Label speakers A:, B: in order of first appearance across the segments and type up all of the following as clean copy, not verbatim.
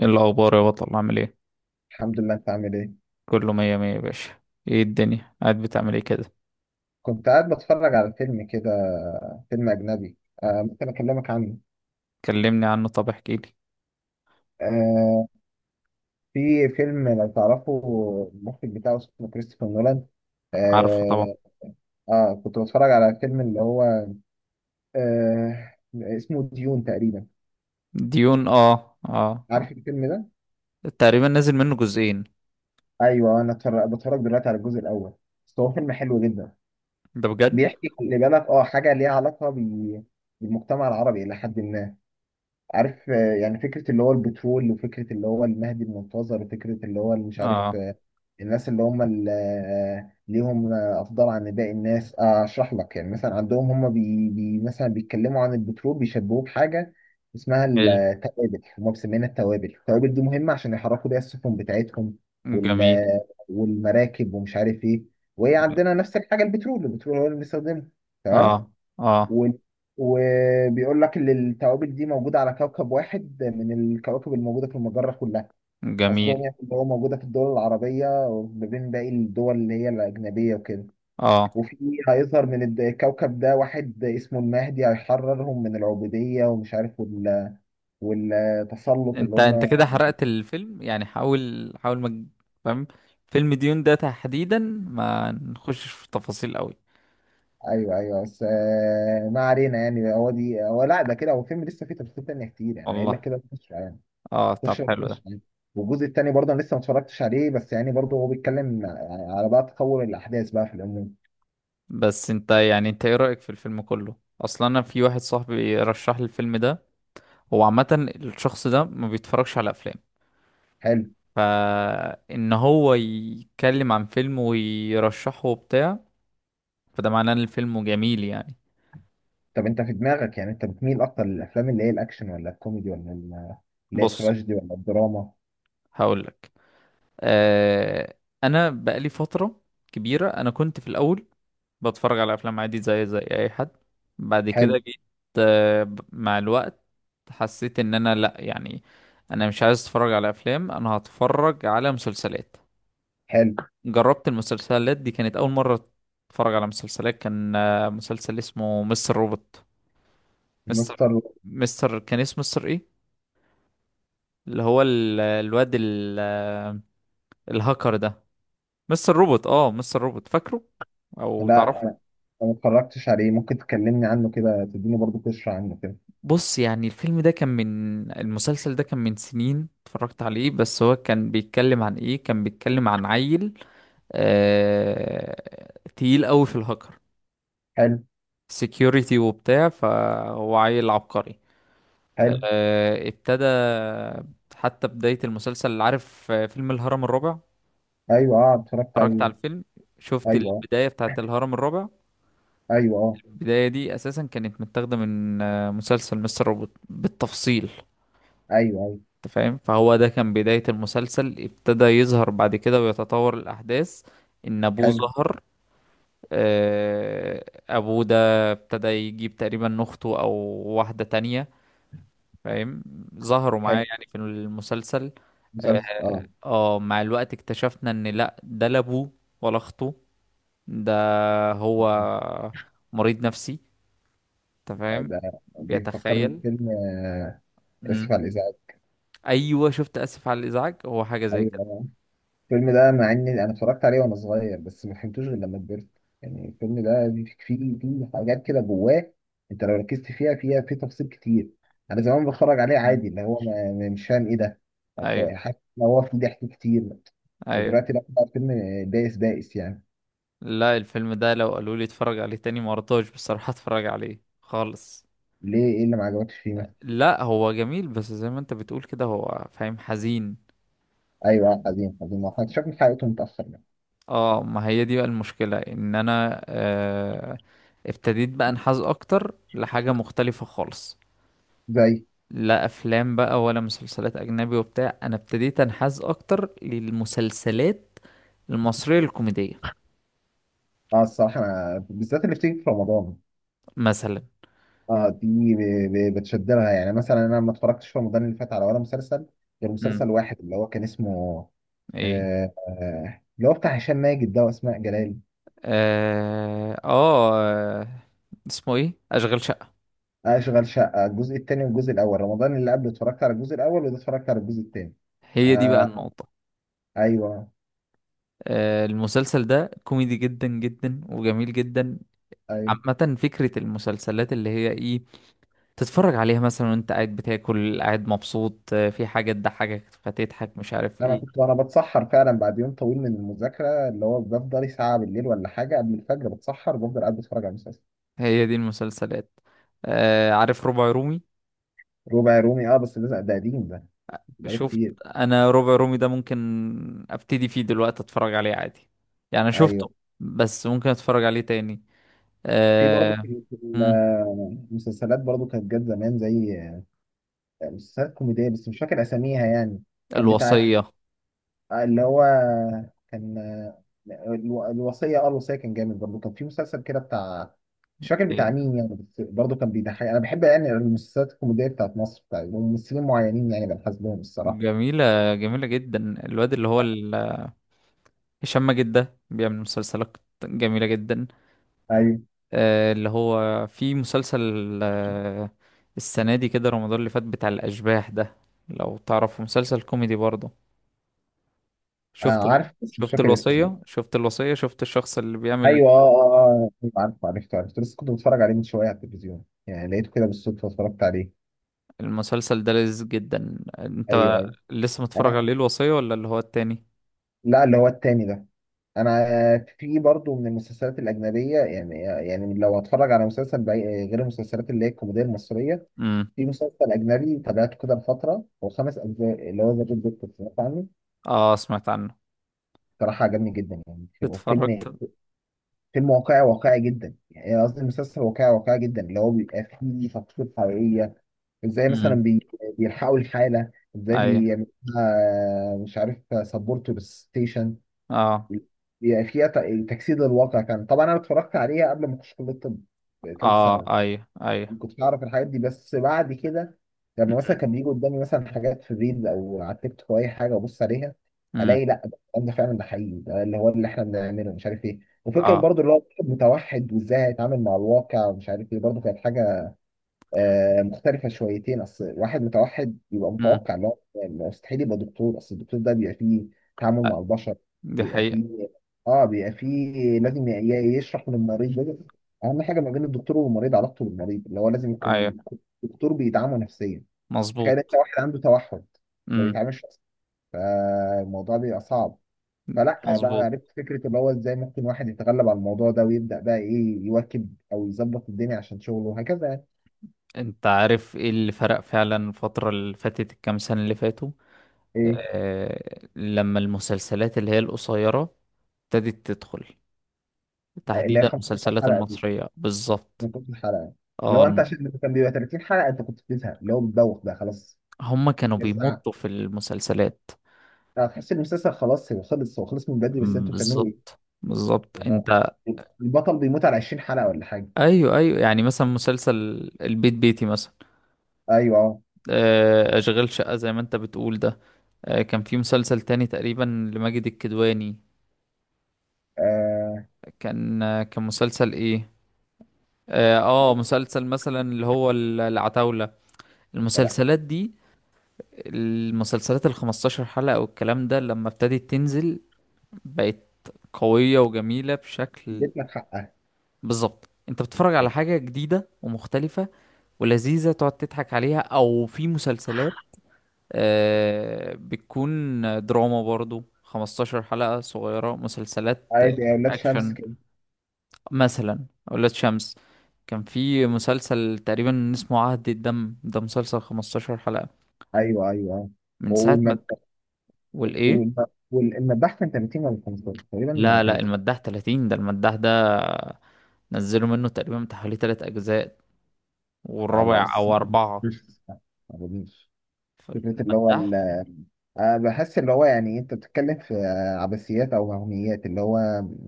A: ايه الاخبار يا بطل، عامل ايه؟
B: الحمد لله، انت عامل ايه؟
A: كله مية مية يا باشا. ايه الدنيا قاعد بتعمل ايه كده؟
B: كنت قاعد بتفرج على فيلم كده، فيلم اجنبي. آه، ممكن اكلمك عنه.
A: كلمني عنه، طب احكي لي.
B: آه، في فيلم لو تعرفه المخرج بتاعه اسمه كريستوفر نولان.
A: عارفه طبعا.
B: آه، اه، كنت بتفرج على فيلم اللي هو اسمه ديون تقريبا.
A: ديون، اه اه.
B: عارف الفيلم ده؟
A: تقريبا نازل منه جزئين.
B: ايوه، انا بتفرج دلوقتي على الجزء الاول. بس هو فيلم حلو جدا.
A: ده بجد؟
B: بيحكي، خلي بالك، حاجه ليها علاقه بالمجتمع العربي الى حد ما. عارف؟ يعني فكرة اللي هو البترول، وفكرة اللي هو المهدي المنتظر، وفكرة اللي هو اللي مش عارف.
A: اه.
B: الناس اللي هم اللي ليهم أفضل عن باقي الناس. أشرح لك. يعني مثلا عندهم هم بي بي مثلا بيتكلموا عن البترول بيشبهوه بحاجة اسمها
A: حلو.
B: التوابل. هم مسمينها التوابل. التوابل دي مهمة عشان يحركوا بيها السفن بتاعتهم،
A: جميل.
B: والمراكب ومش عارف إيه. وهي عندنا نفس الحاجة، البترول. البترول هو اللي بنستخدمه.
A: اه
B: تمام.
A: اه.
B: و... وبيقول لك ان الكواكب دي موجوده على كوكب واحد من الكواكب الموجوده في المجره كلها. قصدهم
A: جميل.
B: يعني اللي هو موجوده في الدول العربيه وما بين باقي الدول اللي هي الاجنبيه وكده.
A: اه.
B: وفي، هيظهر من الكوكب ده واحد اسمه المهدي، هيحررهم من العبوديه ومش عارف والتسلط اللي
A: انت
B: هم.
A: انت كده حرقت الفيلم، يعني حاول حاول ما تج- فاهم. فيلم ديون ده تحديدا، ما نخشش في تفاصيل قوي.
B: ايوه، ايوه، بس، ما علينا، يعني هو دي، هو لا ده كده، هو فيلم لسه فيه تفاصيل تانيه كتير، يعني قايل لك
A: والله؟
B: كده.
A: اه، طب
B: 16
A: حلو ده.
B: 13. والجزء التاني برضه انا لسه ما اتفرجتش عليه، بس يعني برضه هو بيتكلم يعني على بقى تطور الاحداث بقى في العموم.
A: بس انت ايه رأيك في الفيلم كله اصلا؟ انا في واحد صاحبي رشح لي الفيلم ده. هو عامة الشخص ده ما بيتفرجش على افلام،
B: حلو.
A: فان هو يتكلم عن فيلم ويرشحه وبتاع، فده معناه ان الفيلم جميل يعني.
B: طب انت في دماغك، يعني انت بتميل اكتر للافلام اللي هي الاكشن، ولا الكوميدي، ولا اللي هي
A: بص،
B: التراجيدي، ولا الدراما؟
A: هقولك. آه، انا بقالي فترة كبيرة. انا كنت في الاول بتفرج على افلام عادي زي اي حد. بعد كده
B: حلو.
A: جيت مع الوقت حسيت ان انا لا يعني، انا مش عايز اتفرج على افلام، انا هتفرج على مسلسلات.
B: حلو.
A: جربت المسلسلات دي، كانت اول مرة اتفرج على مسلسلات. كان مسلسل اسمه مستر روبوت. مستر
B: مستر.
A: مستر كان اسمه مستر ايه؟ اللي هو الواد الهاكر ده. مستر روبوت، اه، مستر روبوت، فاكره او
B: لا، أنا
A: تعرفه؟
B: ما اتفرجتش عليه، ممكن تكلمني عنه كده، تديني برضه قشرة عنه كده.
A: بص يعني، الفيلم ده كان من المسلسل ده كان من سنين اتفرجت عليه. بس هو كان بيتكلم عن ايه؟ كان بيتكلم عن عيل آه... تقيل قوي في الهاكر،
B: حلو.
A: سكيورتي وبتاع. فهو عيل عبقري.
B: حلو.
A: ابتدى، حتى بداية المسلسل اللي، عارف فيلم الهرم الرابع؟
B: ايوه. اه، اتفرجت
A: اتفرجت
B: عليه.
A: على الفيلم، شفت
B: ايوه. اه.
A: البداية بتاعت الهرم الرابع.
B: ايوه. اه.
A: البداية دي أساسا كانت متاخدة من مسلسل مستر روبوت بالتفصيل.
B: ايوه. ايوه.
A: انت فاهم؟ فهو ده كان بداية المسلسل، ابتدى يظهر بعد كده ويتطور الأحداث إن أبوه
B: حلو.
A: ظهر. أبوه ده ابتدى يجيب تقريبا أخته أو واحدة تانية، فاهم؟ ظهروا معاه
B: حلو.
A: يعني في المسلسل.
B: مسلسل. اه.
A: اه، مع الوقت اكتشفنا إن لأ، ده لا أبوه ولا أخته، ده هو مريض نفسي، أنت فاهم؟
B: ده بيفكرني
A: بيتخيل.
B: بفيلم
A: مم.
B: اسف على الازعاج.
A: أيوه شفت، آسف على الإزعاج، هو حاجة زي كده.
B: ايوه، الفيلم ده مع اني انا اتفرجت عليه وانا صغير، بس ما فهمتوش غير لما كبرت. يعني الفيلم ده فيه حاجات كده جواه. انت لو ركزت فيها، في تفاصيل كتير. انا زمان بتفرج عليه
A: مم.
B: عادي، اللي هو مش فاهم ايه ده. طب
A: أيوه.
B: حاسس ان هو فيه ضحك كتير.
A: أيوه.
B: دلوقتي لا، بقى الفيلم بائس، بائس يعني.
A: لا الفيلم ده لو قالوا لي اتفرج عليه تاني، ما رضاش بصراحة اتفرج عليه خالص.
B: ليه؟ ايه اللي ما عجبكش فيه مثلا؟
A: لا هو جميل، بس زي ما انت بتقول كده، هو فاهم حزين.
B: ايوه، حزين، حزين، ما احنا اكتشفنا حقيقته متاخر يعني.
A: اه، ما هي دي بقى المشكلة، ان انا ابتديت بقى انحاز اكتر لحاجة مختلفة خالص.
B: زي.
A: لا افلام بقى ولا مسلسلات اجنبي وبتاع، انا ابتديت انحاز اكتر للمسلسلات المصرية الكوميدية
B: اه، الصراحه انا بالذات اللي بتيجي في رمضان.
A: مثلا.
B: اه، دي بتشد لها، يعني مثلا انا ما اتفرجتش في رمضان اللي فات على ولا مسلسل، غير
A: امم.
B: مسلسل واحد اللي هو كان اسمه
A: ايه؟
B: اللي هو بتاع هشام ماجد ده واسماء جلال.
A: اه، آه. اسمه ايه؟ اشغال شقة.
B: اشغل شقه الجزء الثاني. والجزء الاول رمضان اللي قبل اتفرجت على الجزء الاول، وده اتفرجت على الجزء الثاني.
A: هي دي بقى
B: آه.
A: النقطة.
B: ايوه.
A: المسلسل ده كوميدي جدا جدا وجميل جدا.
B: ايوه.
A: عامة فكرة المسلسلات اللي هي ايه؟ تتفرج عليها مثلا وانت قاعد بتاكل، قاعد مبسوط، في حاجة تضحكك فتضحك، مش عارف
B: انا
A: ايه.
B: كنت وانا بتسحر فعلا بعد يوم طويل من المذاكره، اللي هو بفضل ساعه بالليل ولا حاجه قبل الفجر بتسحر، بفضل قاعد بتفرج على المسلسل.
A: هي دي المسلسلات. عارف ربع رومي؟
B: ربع رومي، اه، بس ده قديم، ده بقاله
A: شفت،
B: كتير.
A: انا ربع رومي ده ممكن ابتدي فيه دلوقتي اتفرج عليه عادي، يعني أنا شفته
B: ايوه،
A: بس ممكن اتفرج عليه تاني.
B: في برضه
A: آه،
B: في
A: مم،
B: المسلسلات برضه كانت جت زمان، زي مسلسلات كوميدية، بس مش فاكر أساميها يعني. كان بتاعت
A: الوصية.
B: اللي هو، كان الوصية. اه الوصية كان جامد. برضه كان في مسلسل كده بتاع، مش فاكر بتاع
A: إيه.
B: مين يعني. بس برضه كان بيضحك. أنا بحب يعني المسلسلات الكوميدية بتاعت مصر، بتاعت ممثلين معينين، يعني بنحس لهم الصراحة.
A: جميلة، جميلة جدا. الواد اللي هو هشام ماجد ده بيعمل مسلسلات جميلة جدا.
B: أيوه.
A: اللي هو في مسلسل آه، السنة دي كده، رمضان اللي فات، بتاع الأشباح ده، لو تعرفه، مسلسل كوميدي برضه.
B: عارف، بس مش فاكر اسمه برضه.
A: شفت الوصية؟ شفت الشخص اللي بيعمل
B: أيوه. عارف، عرفته لسه كنت بتفرج عليه من شوية على التلفزيون يعني، لقيته كده بالصدفة اتفرجت عليه.
A: المسلسل ده؟ لذيذ جدا
B: ايوه.
A: انت.
B: ايوه.
A: لسه متفرج
B: انا.
A: عليه الوصية ولا اللي هو التاني؟
B: لا، اللي هو التاني ده. انا في برضو من المسلسلات الاجنبيه، يعني لو اتفرج على مسلسل غير المسلسلات اللي هي الكوميديه المصريه.
A: امم.
B: في مسلسل اجنبي تابعته كده لفتره، هو خمس اجزاء، اللي هو ذا جود دكتور، سمعت عنه؟
A: اه، سمعت عنه.
B: صراحه عجبني جدا يعني. فيلم،
A: اتفرجت.
B: فيلم واقعي، واقعي جدا يعني، قصدي المسلسل واقعي، واقعي جدا. اللي هو بيبقى فيه تفاصيل حقيقيه، ازاي مثلا
A: امم.
B: بيلحقوا الحاله، ازاي
A: ايوه.
B: بيعملوها. مش عارف، سبورت للستيشن.
A: اه.
B: بيبقى فيها تجسيد للواقع. كان طبعا انا اتفرجت عليها قبل ما اخش كليه الطب، في ثالثه ثانوي.
A: اه. ايوه ايوه.
B: ما كنتش اعرف الحاجات دي، بس بعد كده لما مثلا كان بيجي قدامي مثلا حاجات في الريلز او على التيك توك او اي حاجه وابص عليها،
A: امم.
B: الاقي لا، ده الكلام ده فعلا، ده حقيقي، ده اللي هو اللي احنا بنعمله مش عارف ايه. وفكره
A: اه.
B: برضو اللي هو الواحد متوحد وازاي هيتعامل مع الواقع، ومش عارف ايه، برضو كانت حاجه مختلفة شويتين. أصل واحد متوحد يبقى
A: امم.
B: متوقع إن هو مستحيل يبقى دكتور. أصل الدكتور ده بيبقى فيه تعامل
A: آه،
B: مع البشر.
A: دي
B: بيبقى
A: حقيقة.
B: فيه بيبقى فيه لازم يشرح للمريض. لازم، أهم حاجة ما بين الدكتور والمريض علاقته بالمريض، اللي هو لازم يكون،
A: ايوه
B: الدكتور بيدعمه نفسيا. تخيل أنت
A: مظبوط.
B: واحد عنده توحد ما
A: امم.
B: بيتعاملش أصلا، فالموضوع بيبقى صعب. فلا بقى
A: مظبوط.
B: عرفت فكرة اللي هو إزاي ممكن واحد يتغلب على الموضوع ده، ويبدأ بقى إيه، يواكب أو يظبط الدنيا عشان شغله وهكذا يعني.
A: انت عارف ايه اللي فرق فعلا الفترة اللي فاتت، الكام سنة اللي فاتوا؟
B: إيه؟
A: آه، لما المسلسلات اللي هي القصيرة ابتدت تدخل،
B: اللي هي
A: تحديدا
B: 15
A: المسلسلات
B: حلقه دي،
A: المصرية بالظبط.
B: من كل حلقه،
A: اه
B: لو انت عشان كان بيبقى 30 حلقه انت كنت بتزهق، اللي هو بتدوخ بقى خلاص.
A: هما كانوا
B: بس
A: بيمطوا في المسلسلات.
B: هتحس إن المسلسل خلاص هو خلص، من بدري، بس
A: مم،
B: انتوا بتعملوا ايه؟
A: بالظبط بالظبط
B: يعني
A: انت.
B: البطل بيموت على 20 حلقه ولا حاجه.
A: ايوه ايوه، يعني مثلا مسلسل البيت بيتي مثلا.
B: ايوه.
A: اشغال شقة زي ما انت بتقول ده. كان في مسلسل تاني تقريبا لماجد الكدواني،
B: اه.
A: كان مسلسل ايه، اه
B: ايوه.
A: مسلسل مثلا اللي هو العتاولة.
B: لا.
A: المسلسلات دي، المسلسلات ال 15 حلقة والكلام ده، لما ابتدت تنزل بقت قوية وجميلة بشكل.
B: اديت لك حقها.
A: بالظبط، انت بتتفرج على
B: ايوه.
A: حاجة جديدة ومختلفة ولذيذة، تقعد تضحك عليها. او في مسلسلات بتكون دراما برضو 15 حلقة صغيرة، مسلسلات
B: عادي، يا ولاد شمس
A: اكشن
B: كده.
A: مثلا، اولاد شمس. كان في مسلسل تقريبا اسمه عهد الدم، ده مسلسل 15 حلقة.
B: ايوه. ايوه.
A: من ساعة ما...
B: والمذبح.
A: والايه...
B: والم- والمذبح كان 30 ولا 15،
A: لا
B: تقريبا
A: لا،
B: 30؟
A: المداح 30، ده المداح ده نزلوا منه تقريبا بتاع حوالي تلات اجزاء والرابع
B: بس
A: او
B: مش،
A: اربعة.
B: ما أظنش. فكرة اللي هو
A: فالمداح.
B: بحس اللي هو، يعني أنت بتتكلم في عبثيات أو وهميات اللي هو.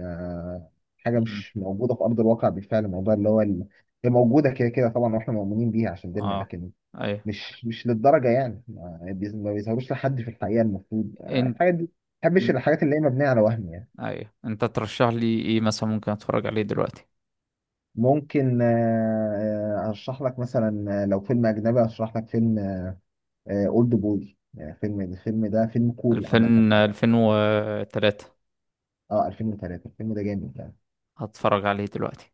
B: أه حاجة
A: مم.
B: مش موجودة في أرض الواقع بالفعل. الموضوع اللي هو هي موجودة كده كده طبعا، وإحنا مؤمنين بيها عشان ديننا،
A: اه
B: لكن
A: ايوه
B: مش للدرجة يعني، ما بيظهروش لحد في الحقيقة. المفروض
A: انت.
B: الحاجات دي ما بحبش
A: إن...
B: الحاجات اللي هي مبنية على وهم يعني.
A: ايوه انت ترشح لي ايه مثلا ممكن اتفرج عليه دلوقتي؟
B: ممكن، أرشح لك مثلا، لو فيلم أجنبي أرشح لك فيلم أولد بوي، يعني فيلم. الفيلم ده فيلم كوري عامة.
A: 2000؟ 2003؟
B: اه، 2003، الفيلم ده جامد يعني.
A: هتفرج عليه دلوقتي؟